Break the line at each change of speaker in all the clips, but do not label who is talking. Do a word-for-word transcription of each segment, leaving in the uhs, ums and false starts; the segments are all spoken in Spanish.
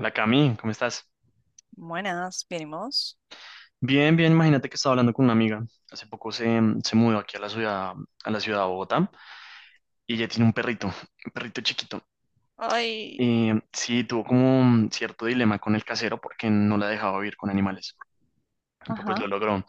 La Cami, ¿cómo estás?
Buenas, bien, ¿y vos?
Bien, bien, imagínate que estaba hablando con una amiga. Hace poco se, se mudó aquí a la ciudad, a la ciudad de Bogotá y ella tiene un perrito, un perrito chiquito.
Ay.
Y sí, tuvo como un cierto dilema con el casero porque no la dejaba vivir con animales. Pero pues
Ajá.
lo logró.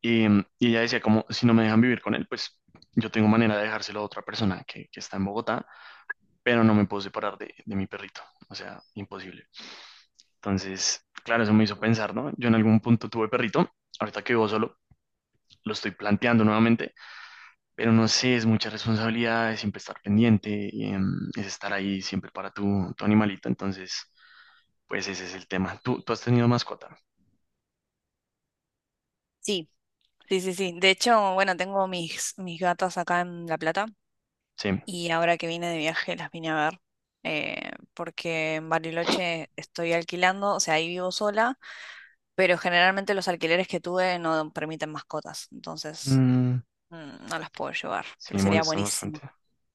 Y, y ella decía como, si no me dejan vivir con él, pues yo tengo manera de dejárselo a otra persona que, que está en Bogotá, pero no me puedo separar de, de mi perrito. O sea, imposible. Entonces, claro, eso me hizo pensar, ¿no? Yo en algún punto tuve perrito. Ahorita que vivo solo, lo estoy planteando nuevamente, pero no sé, es mucha responsabilidad, es siempre estar pendiente, eh, es estar ahí siempre para tu, tu animalito, entonces, pues ese es el tema. ¿Tú, tú has tenido mascota?
Sí, sí, sí, sí. De hecho, bueno, tengo mis, mis gatas acá en La Plata
Sí.
y ahora que vine de viaje las vine a ver, eh, porque en Bariloche estoy alquilando, o sea, ahí vivo sola, pero generalmente los alquileres que tuve no permiten mascotas, entonces
Mm,
mm, no las puedo llevar,
sí,
pero
me
sería
molestan bastante.
buenísimo.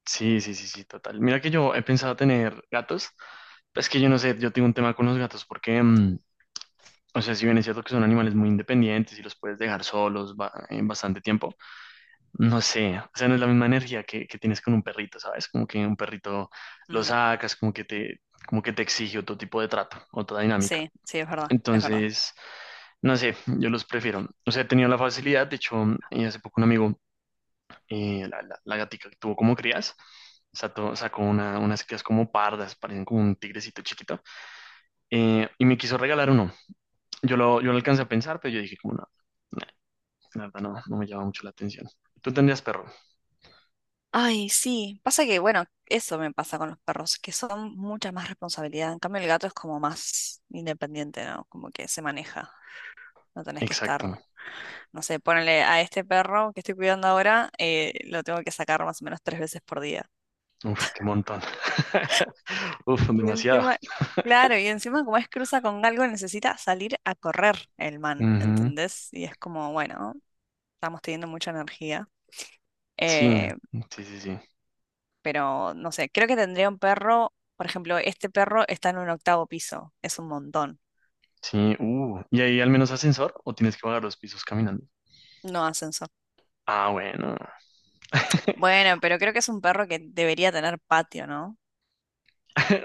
Sí, sí, sí, sí, total. Mira que yo he pensado tener gatos, pero es que yo no sé, yo tengo un tema con los gatos porque, mm, o sea, si bien es cierto que son animales muy independientes y los puedes dejar solos ba- en bastante tiempo. No sé, o sea, no es la misma energía que, que tienes con un perrito, ¿sabes? Como que un perrito lo
Mm,
sacas, como que te, como que te exige otro tipo de trato, otra dinámica.
sí, sí, es verdad, es verdad.
Entonces, no sé, yo los prefiero. O sea, he tenido la facilidad, de hecho, eh, hace poco un amigo, eh, la, la, la gatica que tuvo como crías, sato- sacó una, unas crías como pardas, parecen como un tigrecito chiquito, eh, y me quiso regalar uno. Yo lo, yo lo alcancé a pensar, pero yo dije como, no, no, la verdad no, no me llama mucho la atención. Tú tendrías perro.
Ay, sí. Pasa que, bueno, eso me pasa con los perros, que son mucha más responsabilidad. En cambio, el gato es como más independiente, ¿no? Como que se maneja. No tenés que
Exacto.
estar, no sé, ponele a este perro que estoy cuidando ahora, eh, lo tengo que sacar más o menos tres veces por día.
Uf, qué montón. Uf,
Y
demasiado.
encima, claro, y encima como es cruza con algo, necesita salir a correr el man,
Ujú.
¿entendés? Y es como, bueno, estamos teniendo mucha energía.
Sí,
Eh,
sí, sí, sí.
pero no sé, creo que tendría un perro, por ejemplo, este perro está en un octavo piso, es un montón,
Sí, uh. ¿Y ahí al menos ascensor o tienes que bajar los pisos caminando?
no ascensor.
Ah, bueno.
Bueno, pero creo que es un perro que debería tener patio, ¿no?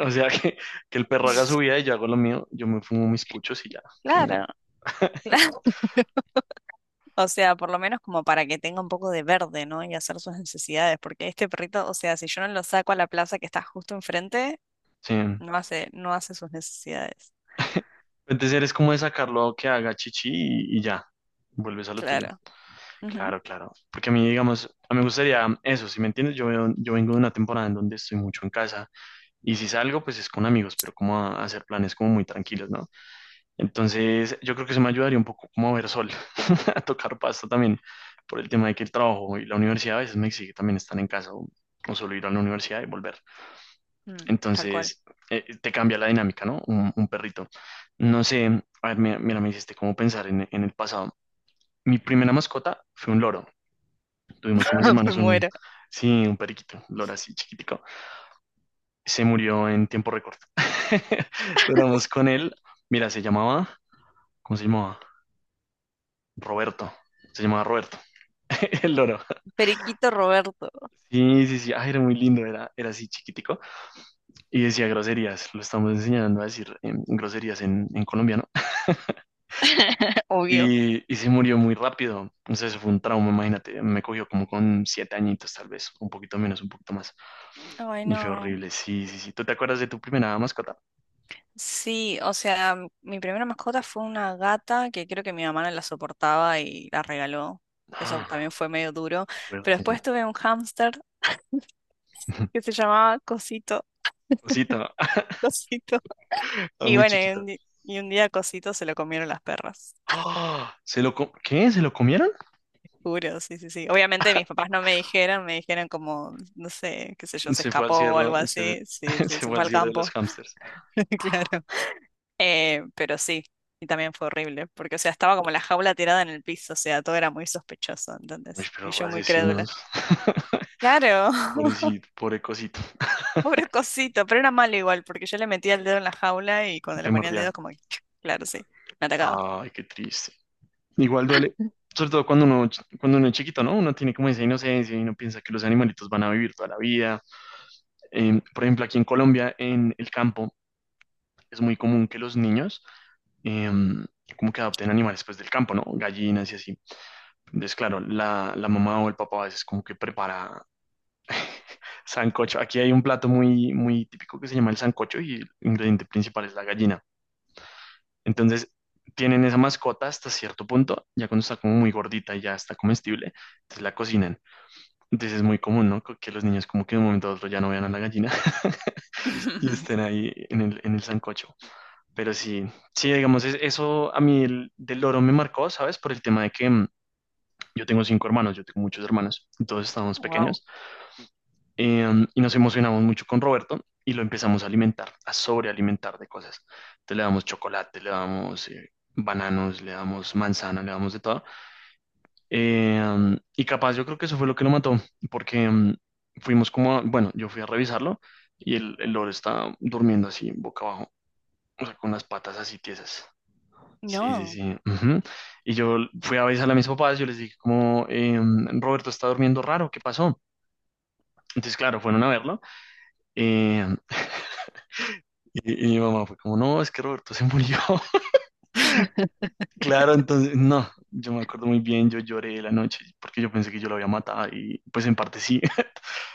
O sea, que, que el perro haga su vida y yo hago lo mío. Yo me fumo mis puchos y ya, que no.
Claro, claro. O sea, por lo menos como para que tenga un poco de verde, ¿no? Y hacer sus necesidades, porque este perrito, o sea, si yo no lo saco a la plaza que está justo enfrente,
Sí.
no hace, no hace sus necesidades.
Entonces eres como de sacarlo que haga chichi y, y ya. Vuelves a lo tuyo.
Claro. Ujú.
Claro, claro. Porque a mí, digamos, a mí me gustaría eso, si me entiendes, yo, veo- yo vengo de una temporada en donde estoy mucho en casa. Y si salgo, pues es con amigos, pero como a, a hacer planes como muy tranquilos, ¿no? Entonces, yo creo que eso me ayudaría un poco como a ver sol, a tocar pasto también, por el tema de que el trabajo y la universidad a veces me exige también estar en casa o, o solo ir a la universidad y volver.
Mm, tal cual.
Entonces, eh, te cambia la dinámica, ¿no? Un, un perrito. No sé, a ver, mira, mira, me hiciste como pensar en, en el pasado. Mi primera mascota fue un loro. Tuvimos con mis
Me
hermanos un,
muero.
sí, un periquito, un loro así chiquitico. Se murió en tiempo récord. Duramos con él. Mira, se llamaba, ¿cómo se llamaba? Roberto. Se llamaba Roberto, el loro.
Periquito Roberto,
Sí, sí, sí. Ah, era muy lindo, era, era así chiquitico. Y decía groserías. Lo estamos enseñando a decir em, groserías en, en colombiano.
obvio.
Y, y se murió muy rápido. Entonces fue un trauma, imagínate. Me cogió como con siete añitos, tal vez. Un poquito menos, un poquito más.
Ay,
Y fue
no.
horrible. Sí, sí, sí. ¿Tú te acuerdas de tu primera mascota?
Sí, o sea, mi primera mascota fue una gata que creo que mi mamá no la soportaba y la regaló. Eso también
Ah,
fue medio duro. Pero
fuerte.
después tuve un hámster que se llamaba Cosito.
Cosita,
Cosito.
ah,
Y
muy
bueno, y
chiquita.
un, di- y un día Cosito se lo comieron las perras.
¡Ah! ¿Se lo co- ¿Qué? ¿Se lo comieron?
Juro, sí, sí, sí. Obviamente mis papás no me dijeron, me dijeron como, no sé, qué sé yo, se
Se fue al
escapó o
cielo,
algo
se,
así. Sí, sí,
se
se
fue
fue
al
al
cielo de los
campo.
hámsters.
Claro. Eh, pero sí, y también fue horrible, porque, o sea, estaba como la jaula tirada en el piso, o sea, todo era muy sospechoso,
Uy,
entonces, y
pero
yo muy crédula.
asesinos.
Claro,
Pobrecito, pobre cosito,
pobre cosito, pero era malo igual, porque yo le metía el dedo en la jaula y cuando
te
le ponía el dedo,
mordía.
como que, claro, sí, me atacaba.
Ay, qué triste. Igual duele, sobre todo cuando uno, cuando uno es chiquito, ¿no? Uno tiene como esa inocencia y uno piensa que los animalitos van a vivir toda la vida. Em, por ejemplo, aquí en Colombia, en el campo, es muy común que los niños em, como que adopten animales pues del campo, ¿no? Gallinas y así. Entonces, claro, la, la mamá o el papá a veces como que prepara sancocho. Aquí hay un plato muy, muy típico que se llama el sancocho y el ingrediente principal es la gallina. Entonces, tienen esa mascota hasta cierto punto, ya cuando está como muy gordita y ya está comestible, entonces la cocinan. Entonces es muy común, ¿no? Que los niños como que de un momento a otro ya no vean a la gallina y estén ahí en el, en el sancocho. Pero sí, sí, digamos, es- eso a mí el- del loro me marcó, ¿sabes? Por el tema de que mm, yo tengo cinco hermanos, yo tengo muchos hermanos, todos estábamos
Wow.
pequeños. Em, y nos emocionamos mucho con Roberto y lo empezamos a alimentar, a sobrealimentar de cosas. Entonces le damos chocolate, le damos eh, bananos, le damos manzana, le damos de todo. Em, y capaz yo creo que eso fue lo que lo mató, porque em, fuimos como, a- bueno, yo fui a revisarlo y el, el loro estaba durmiendo así, boca abajo, o sea, con las patas así tiesas. Sí, sí,
No,
sí. Ujú. Y yo fui a avisar a mis papás, yo les dije como, em, Roberto está durmiendo raro, ¿qué pasó? Entonces, claro, fueron a verlo. Eh, Y, y mi mamá fue como, no, es que Roberto se murió. Claro, entonces, no, yo me acuerdo muy bien, yo lloré la noche porque yo pensé que yo lo había matado y pues en parte sí.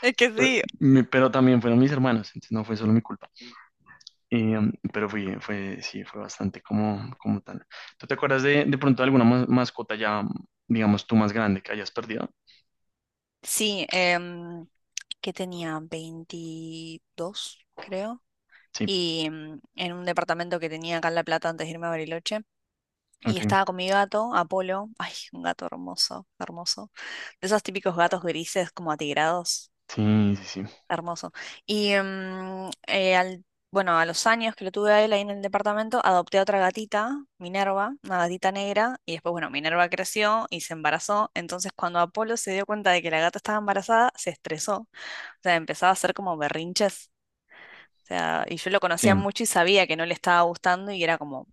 es que
Fue-
sí.
me- pero también fueron mis hermanos, entonces no fue solo mi culpa. Y, um, pero fui, fue, sí, fue bastante como, como tal. ¿Tú te acuerdas de, de pronto alguna ma- mascota ya, digamos, tú más grande que hayas perdido?
Sí, em, que tenía veintidós creo,
Sí,
y em, en un departamento que tenía acá en La Plata antes de irme a Bariloche. Y
ok.
estaba con mi gato, Apolo. Ay, un gato hermoso, hermoso. De esos típicos gatos grises, como atigrados.
Sí, sí, sí.
Hermoso. Y mm, eh, al, bueno, a los años que lo tuve a él ahí en el departamento, adopté a otra gatita, Minerva, una gatita negra. Y después, bueno, Minerva creció y se embarazó. Entonces, cuando Apolo se dio cuenta de que la gata estaba embarazada, se estresó. O sea, empezaba a hacer como berrinches. O sea, y yo lo
Sí.
conocía mucho y sabía que no le estaba gustando y era como,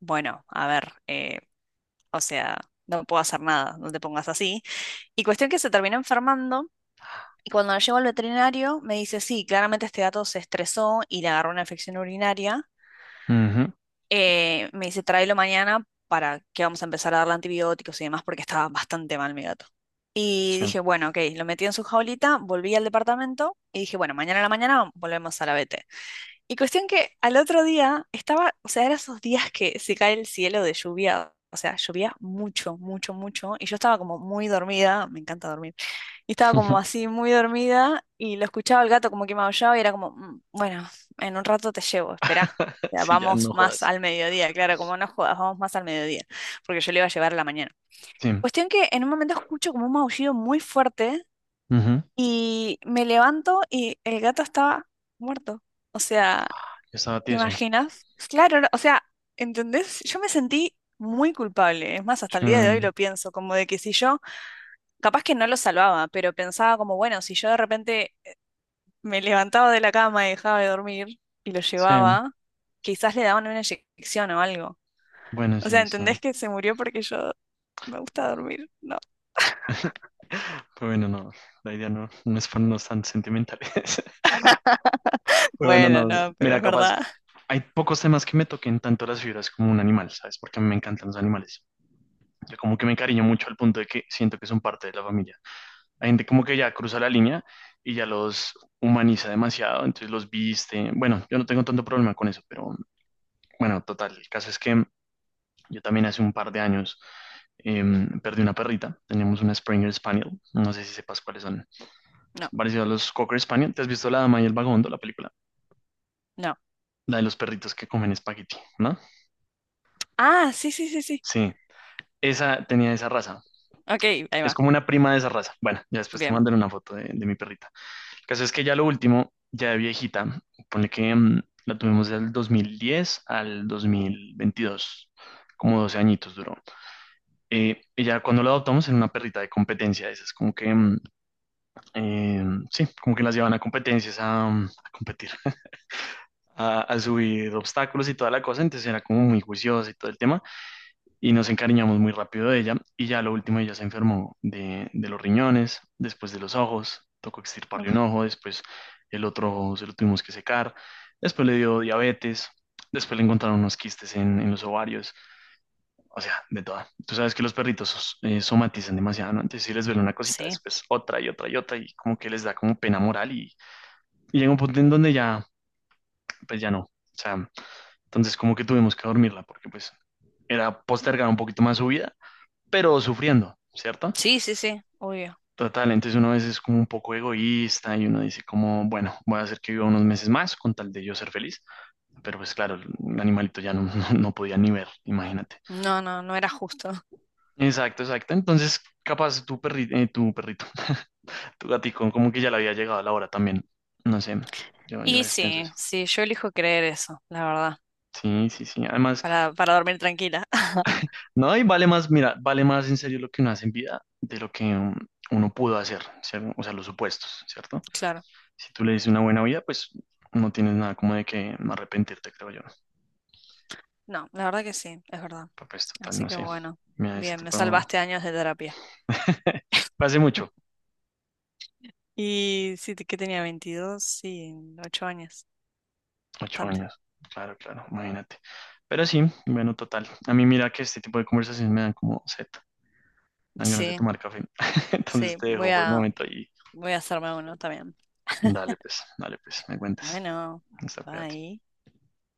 bueno, a ver. Eh, o sea, no puedo hacer nada, no te pongas así. Y cuestión que se terminó enfermando. Y cuando la llevo al veterinario, me dice, sí, claramente este gato se estresó y le agarró una infección urinaria.
Ujú.
Eh, me dice, tráelo mañana para que vamos a empezar a darle antibióticos y demás, porque estaba bastante mal mi gato. Y
Sí.
dije, bueno, ok, lo metí en su jaulita, volví al departamento y dije, bueno, mañana a la mañana volvemos a la vet. Y cuestión que al otro día estaba, o sea, eran esos días que se cae el cielo de lluvia, o sea, llovía mucho, mucho, mucho, y yo estaba como muy dormida, me encanta dormir, y estaba como así muy dormida y lo escuchaba el gato como que maullaba y era como, "Mm, bueno, en un rato te llevo, esperá. O sea,
Sí, ya no
vamos
jodas.
más al mediodía, claro, como no jodas, vamos más al mediodía, porque yo le iba a llevar a la mañana.
Sí. Ujú.
Cuestión que en un momento escucho como un maullido muy fuerte y me levanto y el gato estaba muerto. O sea,
Yo estaba
¿te
tieso.
imaginas? Claro, no, o sea, ¿entendés? Yo me sentí muy culpable. Es más, hasta el día de hoy
Sí.
lo pienso, como de que si yo, capaz que no lo salvaba, pero pensaba como, bueno, si yo de repente me levantaba de la cama y dejaba de dormir y lo
Sí.
llevaba, quizás le daban una inyección o algo.
Bueno,
O sea,
sí, sí.
¿entendés que se murió porque yo me gusta dormir? No.
Pero bueno, no, la idea no, no es ponernos tan sentimentales. Pero bueno,
Bueno,
no,
no, pero
mira,
es
capaz,
verdad.
hay pocos temas que me toquen tanto las fibras como un animal, ¿sabes? Porque a mí me encantan los animales. Yo como que me encariño mucho al punto de que siento que son parte de la familia. Hay gente como que ya cruza la línea y ya los humaniza demasiado, entonces los viste. Bueno, yo no tengo tanto problema con eso, pero bueno, total, el caso es que yo también hace un par de años em, perdí una perrita, teníamos una Springer Spaniel, no sé si sepas cuáles son.
No,
Son parecidos a los Cocker Spaniel. ¿Te has visto La Dama y el Vagabundo, la película?
no.
La de los perritos que comen espagueti, ¿no?
Ah, sí, sí, sí, sí.
Sí, esa tenía esa raza.
Ok, ahí
Es
va.
como una prima de esa raza. Bueno, ya después te
Bien.
mandaré una foto de, de mi perrita. El caso es que ya lo último, ya de viejita, ponle que mm, la tuvimos del dos mil diez al dos mil veintidós, como doce añitos duró. Eh, y ya cuando la adoptamos en una perrita de competencia, esas como que, mm, eh, sí, como que las llevan a competencias a, mm, a competir, a, a subir obstáculos y toda la cosa, entonces era como muy juiciosa y todo el tema, y nos encariñamos muy rápido de ella, y ya lo último ella se enfermó de, de los riñones, después de los ojos, tocó extirparle un ojo, después el otro ojo se lo tuvimos que secar, después le dio diabetes, después le encontraron unos quistes en, en los ovarios, o sea, de toda. Tú sabes que los perritos eh, somatizan demasiado, ¿no? Entonces si les duele una cosita,
Sí.
después otra y otra y otra, y como que les da como pena moral, y, y llega un punto en donde ya, pues ya no. O sea, entonces como que tuvimos que dormirla porque pues era postergar un poquito más su vida, pero sufriendo, ¿cierto?
Sí, sí, sí. Obvio.
Total, entonces uno a veces es como un poco egoísta y uno dice como, bueno, voy a hacer que viva unos meses más con tal de yo ser feliz, pero pues claro, el animalito ya no, no, no podía ni ver, imagínate.
No, no, no era justo.
Exacto, exacto. Entonces, capaz tu perrito, tu perrito, tu gatico, como que ya le había llegado la hora también. No sé, yo, yo a
Y
veces pienso
sí,
eso.
sí, yo elijo creer eso, la verdad,
Sí, sí, sí. Además,
para, para dormir tranquila.
no, y vale más, mira, vale más en serio lo que uno hace en vida de lo que um, uno pudo hacer, ¿cierto? O sea, los supuestos, ¿cierto?
Claro,
Si tú le dices una buena vida, pues no tienes nada como de que arrepentirte, creo yo.
no, la verdad que sí, es verdad.
Pero, pues total,
Así
no
que
sé.
bueno,
Mira, ese
bien, me
tipo...
salvaste años de terapia.
Fue hace mucho,
Y sí, te- que tenía veintidós sí, ocho años,
ocho
bastante.
años. Claro, claro, imagínate. Pero sí, bueno, total. A mí mira que este tipo de conversaciones me dan como sed, dan ganas de
Sí,
tomar café. Entonces
sí,
te
voy
dejo por el
a,
momento y
voy a hacerme uno también.
dale pues, dale pues, me cuentas.
Bueno,
Hasta, cuídate.
bye.